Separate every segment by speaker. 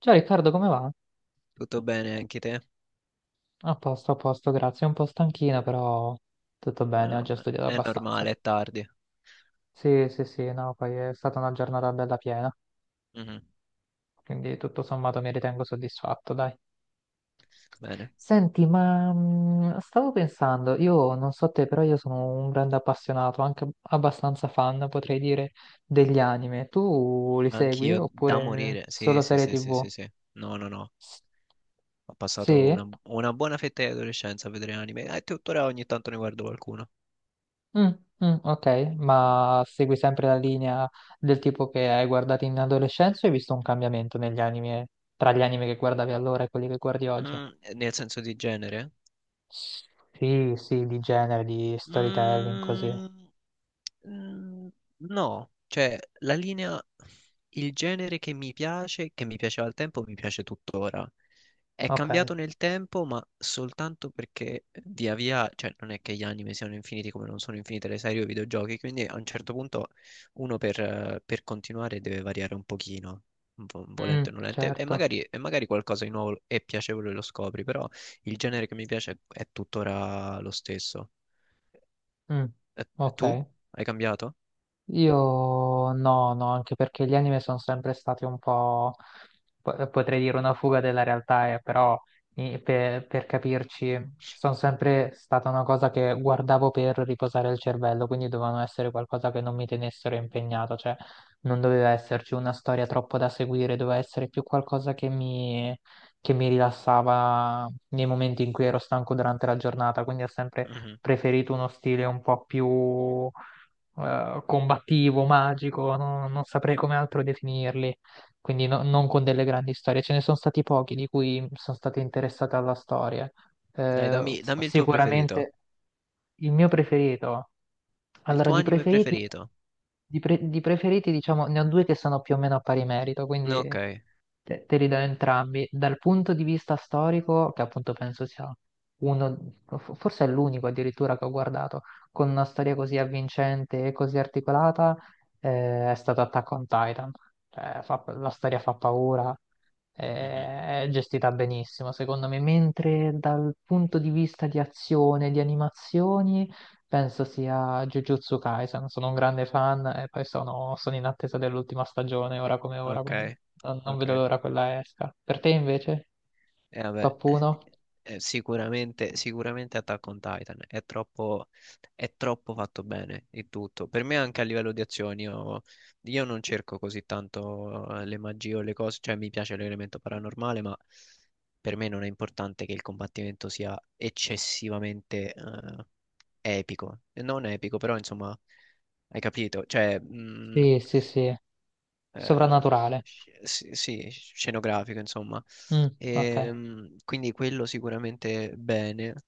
Speaker 1: Ciao Riccardo, come va?
Speaker 2: Tutto bene anche te?
Speaker 1: A posto, grazie. Un po' stanchino, però tutto bene, oggi ho
Speaker 2: Vabbè,
Speaker 1: studiato
Speaker 2: è
Speaker 1: abbastanza.
Speaker 2: normale, è tardi.
Speaker 1: Sì, sì, sì, no, poi è stata una giornata bella piena,
Speaker 2: Mhm,
Speaker 1: quindi tutto sommato mi ritengo soddisfatto, dai.
Speaker 2: bene,
Speaker 1: Senti, ma stavo pensando, io non so te, però io sono un grande appassionato, anche abbastanza fan, potrei dire, degli anime. Tu li segui
Speaker 2: anch'io da
Speaker 1: oppure
Speaker 2: morire. Sì,
Speaker 1: solo
Speaker 2: sì,
Speaker 1: serie
Speaker 2: sì, sì,
Speaker 1: TV?
Speaker 2: sì, sì. No, no, no.
Speaker 1: S-
Speaker 2: Ho passato
Speaker 1: Sì?
Speaker 2: una buona fetta di adolescenza a vedere anime e tuttora ogni tanto ne guardo qualcuno.
Speaker 1: Mm, mm, ok, ma segui sempre la linea del tipo che hai guardato in adolescenza o hai visto un cambiamento negli anime, tra gli anime che guardavi allora e quelli che guardi oggi?
Speaker 2: Mm, Nel senso di genere?
Speaker 1: Sì, sì, di genere, di storytelling, così.
Speaker 2: Mm, Mm, No, cioè la linea, il genere che mi piace, che mi piaceva al tempo, mi piace tuttora. È cambiato
Speaker 1: Ok.
Speaker 2: nel tempo, ma soltanto perché via via, cioè non è che gli anime siano infiniti come non sono infinite le serie o i videogiochi, quindi a un certo punto uno per continuare deve variare un pochino, volente
Speaker 1: Mm,
Speaker 2: o nolente, e
Speaker 1: certo.
Speaker 2: magari, e magari qualcosa di nuovo e piacevole lo scopri, però il genere che mi piace è tuttora lo stesso.
Speaker 1: Mm,
Speaker 2: E tu?
Speaker 1: ok.
Speaker 2: Hai cambiato?
Speaker 1: Io no, no, anche perché gli anime sono sempre stati un po', potrei dire una fuga della realtà, però per capirci, sono sempre stata una cosa che guardavo per riposare il cervello, quindi dovevano essere qualcosa che non mi tenessero impegnato, cioè non doveva esserci una storia troppo da seguire, doveva essere più qualcosa che che mi rilassava nei momenti in cui ero stanco durante la giornata, quindi ho sempre
Speaker 2: Mhm.
Speaker 1: preferito uno stile un po' più combattivo, magico, non saprei come altro definirli, quindi non con delle grandi storie. Ce ne sono stati pochi di cui sono stato interessato alla storia.
Speaker 2: Dai,
Speaker 1: Eh,
Speaker 2: dammi, dammi il tuo preferito.
Speaker 1: sicuramente il mio preferito,
Speaker 2: Il
Speaker 1: allora,
Speaker 2: tuo
Speaker 1: di
Speaker 2: anime
Speaker 1: preferiti,
Speaker 2: preferito.
Speaker 1: di preferiti, diciamo, ne ho due che sono più o meno a pari merito,
Speaker 2: Ok.
Speaker 1: quindi te li do entrambi. Dal punto di vista storico, che appunto penso sia uno, forse è l'unico addirittura che ho guardato, con una storia così avvincente e così articolata, è stato Attack on Titan. Cioè, la storia fa paura,
Speaker 2: Mhm.
Speaker 1: è gestita benissimo, secondo me. Mentre dal punto di vista di azione, di animazioni. Penso sia Jujutsu Kaisen, sono un grande fan e poi sono in attesa dell'ultima stagione, ora come ora,
Speaker 2: Ok.
Speaker 1: quindi non
Speaker 2: Ok.
Speaker 1: vedo l'ora quella esca. Per te invece?
Speaker 2: Vabbè,
Speaker 1: Top 1?
Speaker 2: sicuramente, Attack on Titan è troppo fatto bene il tutto. Per me anche a livello di azioni, io non cerco così tanto le magie o le cose, cioè mi piace l'elemento paranormale, ma per me non è importante che il combattimento sia eccessivamente epico. Non epico, però insomma, hai capito? Cioè,
Speaker 1: Sì, sì, sì,
Speaker 2: eh,
Speaker 1: soprannaturale.
Speaker 2: sì, sì, scenografico, insomma.
Speaker 1: Mm, ok.
Speaker 2: Quindi quello sicuramente bene.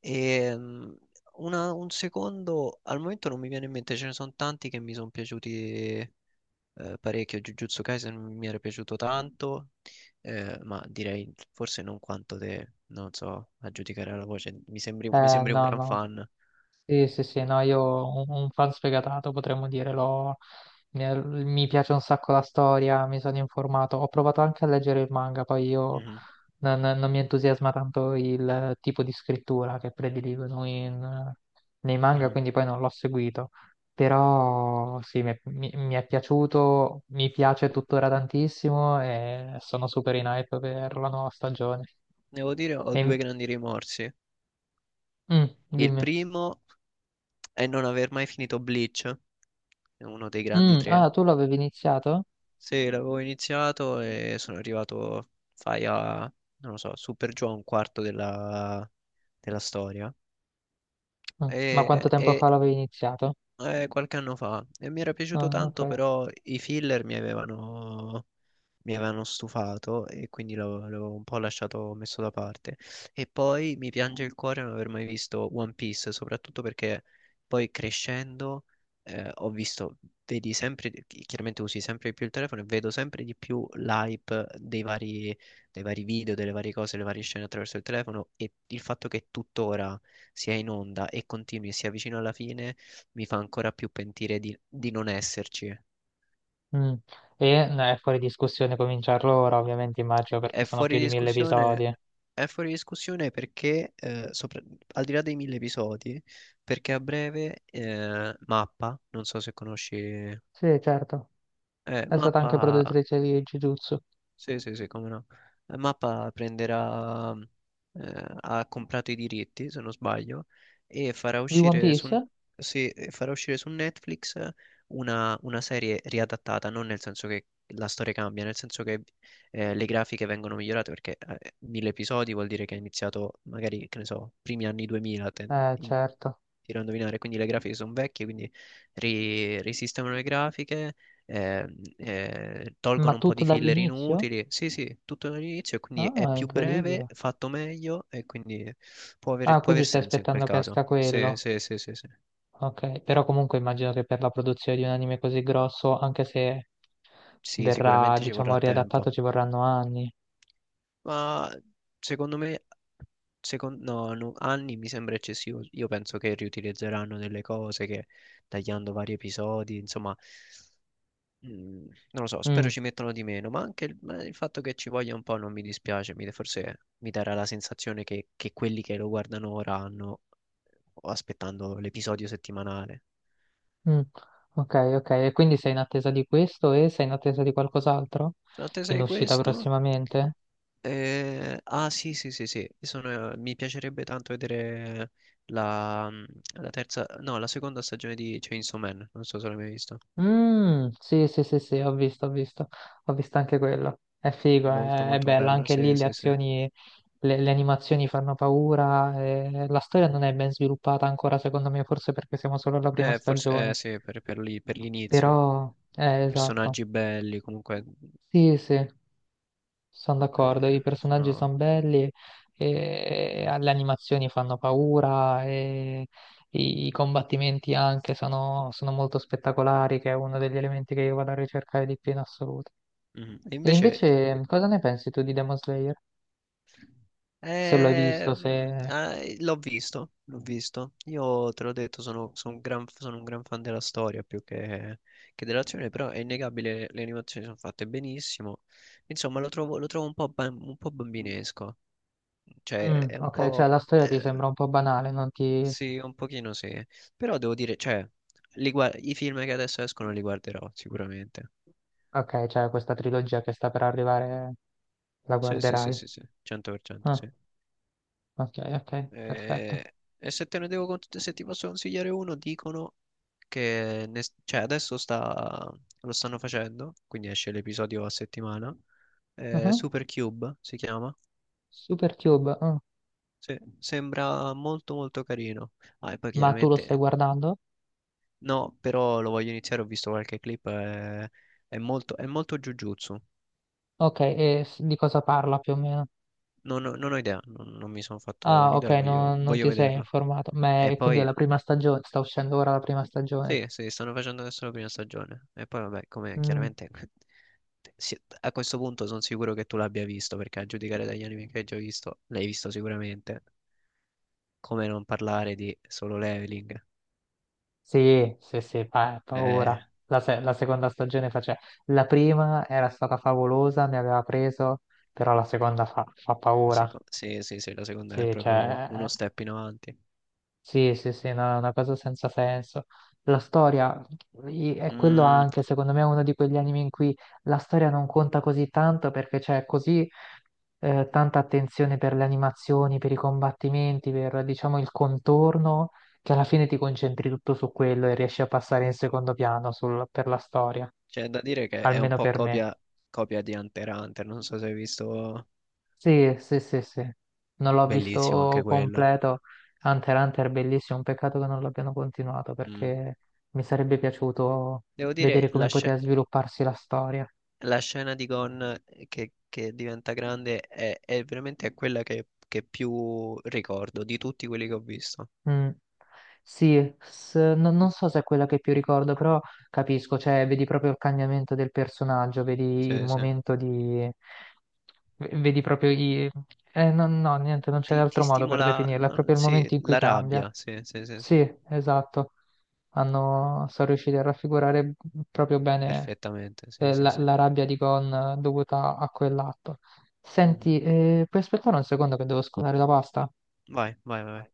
Speaker 2: Ehm, un secondo, al momento non mi viene in mente, ce ne sono tanti che mi sono piaciuti parecchio. Jujutsu Kaisen mi era piaciuto tanto, ma direi forse non quanto te, non so, a giudicare la voce. Mi sembri un
Speaker 1: No,
Speaker 2: gran
Speaker 1: no.
Speaker 2: fan.
Speaker 1: Sì, sì, sì, no, io un fan sfegatato potremmo dire, mi piace un sacco la storia, mi sono informato, ho provato anche a leggere il manga, poi io
Speaker 2: Mhm,
Speaker 1: non mi entusiasma tanto il tipo di scrittura che prediligono nei manga,
Speaker 2: mhm.
Speaker 1: quindi poi non l'ho seguito, però sì, mi è piaciuto, mi piace tuttora tantissimo e sono super in hype per la nuova stagione.
Speaker 2: Devo dire, ho due
Speaker 1: E-
Speaker 2: grandi rimorsi.
Speaker 1: mm,
Speaker 2: Il
Speaker 1: dimmi.
Speaker 2: primo e non aver mai finito Bleach, è uno dei grandi
Speaker 1: Mm, ah,
Speaker 2: tre.
Speaker 1: tu l'avevi iniziato?
Speaker 2: Sì, l'avevo iniziato e sono arrivato, fai a, non lo so, super giù a un quarto della storia.
Speaker 1: Mm. Ma
Speaker 2: E,
Speaker 1: quanto tempo
Speaker 2: e
Speaker 1: fa l'avevi iniziato?
Speaker 2: eh, qualche anno fa e mi era piaciuto
Speaker 1: Ah, ok.
Speaker 2: tanto, però i filler mi avevano stufato e quindi l'avevo un po' lasciato messo da parte. E poi mi piange il cuore non aver mai visto One Piece, soprattutto perché poi crescendo eh, ho visto, vedi sempre, chiaramente usi sempre di più il telefono e vedo sempre di più l'hype dei vari video, delle varie cose, le varie scene attraverso il telefono e il fatto che tuttora sia in onda e continui e sia vicino alla fine mi fa ancora più pentire di non esserci.
Speaker 1: Mm. E no, è fuori discussione cominciarlo ora, ovviamente, immagino, perché
Speaker 2: È
Speaker 1: sono
Speaker 2: fuori
Speaker 1: più di mille
Speaker 2: discussione,
Speaker 1: episodi.
Speaker 2: è fuori discussione perché, al di là dei 1.000 episodi, perché a breve Mappa, non so se conosci,
Speaker 1: Sì, certo. È stata anche
Speaker 2: Mappa
Speaker 1: produttrice di Jujutsu.
Speaker 2: sì, sì, sì, come no. Mappa prenderà, ha comprato i diritti, se non sbaglio, e farà
Speaker 1: Di One
Speaker 2: uscire su,
Speaker 1: Piece?
Speaker 2: sì, e farà uscire su Netflix una serie riadattata, non nel senso che la storia cambia, nel senso che le grafiche vengono migliorate, perché 1.000 episodi vuol dire che è iniziato magari, che ne so, primi anni 2000,
Speaker 1: Certo.
Speaker 2: tiro a indovinare, quindi le grafiche sono vecchie, quindi risistemano le grafiche eh,
Speaker 1: Ma
Speaker 2: tolgono un po'
Speaker 1: tutto
Speaker 2: di filler
Speaker 1: dall'inizio?
Speaker 2: inutili. Sì, sì, tutto dall'inizio e quindi è
Speaker 1: Ah,
Speaker 2: più breve,
Speaker 1: incredibile.
Speaker 2: fatto meglio e quindi
Speaker 1: Ah,
Speaker 2: può aver
Speaker 1: quindi stai
Speaker 2: senso in quel
Speaker 1: aspettando che
Speaker 2: caso.
Speaker 1: esca
Speaker 2: Sì,
Speaker 1: quello.
Speaker 2: sì, sì, sì, sì.
Speaker 1: Ok, però comunque immagino che per la produzione di un anime così grosso, anche se
Speaker 2: Sì,
Speaker 1: verrà,
Speaker 2: sicuramente ci
Speaker 1: diciamo,
Speaker 2: vorrà tempo.
Speaker 1: riadattato, ci vorranno anni.
Speaker 2: Ma secondo me, no, no, anni mi sembra eccessivo. Io penso che riutilizzeranno delle cose che tagliando vari episodi, insomma, Mm, non lo so, spero
Speaker 1: Mm,
Speaker 2: ci mettono di meno, ma anche ma il fatto che ci voglia un po' non mi dispiace, forse mi darà la sensazione che quelli che lo guardano ora hanno oh, aspettando l'episodio settimanale.
Speaker 1: mm, ok, ok, e quindi sei in attesa di questo e sei in attesa di qualcos'altro?
Speaker 2: Sono in attesa
Speaker 1: In
Speaker 2: di
Speaker 1: uscita
Speaker 2: questo.
Speaker 1: prossimamente?
Speaker 2: Ah sì, sì, sì, sì, mi piacerebbe tanto vedere la, mm, la terza, no, la seconda stagione di Chainsaw Man, non so se l'hai mai visto.
Speaker 1: Mm, sì, sì, sì, sì, ho visto, ho visto, ho visto anche quello. È figo,
Speaker 2: Molto,
Speaker 1: è
Speaker 2: molto
Speaker 1: bella,
Speaker 2: bella,
Speaker 1: anche lì
Speaker 2: sì,
Speaker 1: le
Speaker 2: sì, sì.
Speaker 1: azioni, le animazioni fanno paura, e la storia non è ben sviluppata ancora, secondo me, forse perché siamo solo alla prima
Speaker 2: Forse,
Speaker 1: stagione,
Speaker 2: sì, per l'inizio.
Speaker 1: però, esatto.
Speaker 2: Personaggi belli, comunque.
Speaker 1: Sì, sì. Sono d'accordo, i
Speaker 2: Eh,
Speaker 1: personaggi
Speaker 2: sono-
Speaker 1: sono belli, e le animazioni fanno paura, e i combattimenti anche sono molto spettacolari, che è uno degli elementi che io vado a ricercare di più in assoluto.
Speaker 2: Mm. E
Speaker 1: E
Speaker 2: invece,
Speaker 1: invece cosa ne pensi tu di Demon Slayer? Se lo hai visto, se...
Speaker 2: l'ho visto, l'ho visto. Io te l'ho detto, sono un gran fan della storia più che dell'azione, però è innegabile, le animazioni sono fatte benissimo. Insomma, lo trovo un po' bambinesco. Cioè,
Speaker 1: Mm,
Speaker 2: è un
Speaker 1: ok, cioè
Speaker 2: po'.
Speaker 1: la storia ti
Speaker 2: Eh,
Speaker 1: sembra un po' banale, non ti...
Speaker 2: sì, un pochino sì. Però devo dire, cioè, i film che adesso escono li guarderò sicuramente.
Speaker 1: Ok, cioè questa trilogia che sta per arrivare la
Speaker 2: Sì, sì, sì,
Speaker 1: guarderai.
Speaker 2: sì, sì, 100%
Speaker 1: Ah,
Speaker 2: sì.
Speaker 1: ok, ok, perfetto.
Speaker 2: E se te ne devo, se ti posso consigliare uno, dicono che cioè lo stanno facendo, quindi esce l'episodio a settimana.
Speaker 1: Mhm.
Speaker 2: Supercube si chiama.
Speaker 1: Super Cube, mm.
Speaker 2: Sì, sembra molto molto carino. Ah, e poi
Speaker 1: Ma tu lo stai
Speaker 2: chiaramente
Speaker 1: guardando?
Speaker 2: no, però lo voglio iniziare, ho visto qualche clip, è molto Jujutsu.
Speaker 1: Ok, e di cosa parla più o meno?
Speaker 2: Non ho idea, non mi sono fatto
Speaker 1: Ah, ok,
Speaker 2: un'idea, voglio,
Speaker 1: non
Speaker 2: voglio
Speaker 1: ti sei
Speaker 2: vederlo.
Speaker 1: informato.
Speaker 2: E
Speaker 1: Quindi è
Speaker 2: poi,
Speaker 1: la prima stagione, sta uscendo ora la prima stagione.
Speaker 2: sì, sì, stanno facendo adesso la prima stagione. E poi, vabbè, come
Speaker 1: Mm,
Speaker 2: chiaramente a questo punto sono sicuro che tu l'abbia visto, perché a giudicare dagli anime che hai già visto, l'hai visto sicuramente. Come non parlare di Solo Leveling?
Speaker 1: sì, sì, sì,
Speaker 2: Eh,
Speaker 1: paura. La, se- la seconda stagione face- La prima era stata favolosa, mi aveva preso, però la seconda fa paura.
Speaker 2: sì, sì, sì, la seconda è
Speaker 1: Sì,
Speaker 2: proprio
Speaker 1: cioè,
Speaker 2: uno step in avanti.
Speaker 1: sì, sì, sì, no, è una cosa senza senso. La storia è quello
Speaker 2: Mm,
Speaker 1: anche, secondo me, è uno di quegli anime in cui la storia non conta così tanto perché c'è così tanta attenzione per le animazioni, per i combattimenti, per, diciamo, il contorno, che alla fine ti concentri tutto su quello e riesci a passare in secondo piano per la storia,
Speaker 2: C'è da dire che è un
Speaker 1: almeno
Speaker 2: po'
Speaker 1: per me.
Speaker 2: copia, copia di Hunter x Hunter, non so se hai visto,
Speaker 1: Sì, sì, sì, sì. Non l'ho
Speaker 2: bellissimo anche
Speaker 1: visto
Speaker 2: quello.
Speaker 1: completo. Hunter x Hunter, bellissimo. Un peccato che non l'abbiano continuato
Speaker 2: Mm.
Speaker 1: perché mi sarebbe piaciuto
Speaker 2: Devo dire,
Speaker 1: vedere come
Speaker 2: la scena.
Speaker 1: poteva svilupparsi la storia.
Speaker 2: La scena di Gon che diventa grande è veramente quella che più ricordo di tutti quelli che ho visto.
Speaker 1: Mm. Sì, non so se è quella che più ricordo, però capisco, cioè vedi proprio il cambiamento del personaggio, vedi il
Speaker 2: Sì, sì.
Speaker 1: momento di... vedi proprio i... no, no, niente, non c'è
Speaker 2: Ti
Speaker 1: altro modo per
Speaker 2: stimola,
Speaker 1: definirla, è
Speaker 2: no,
Speaker 1: proprio il
Speaker 2: sì,
Speaker 1: momento in cui
Speaker 2: la
Speaker 1: cambia.
Speaker 2: rabbia, sì, sì, sì, sì,
Speaker 1: Sì, esatto. Hanno, sono riusciti a raffigurare proprio bene
Speaker 2: perfettamente, sì, sì, sì.
Speaker 1: la rabbia di Gon dovuta a quell'atto.
Speaker 2: Mhm.
Speaker 1: Senti, puoi aspettare un secondo che devo scolare la pasta?
Speaker 2: Vai, vai, vai.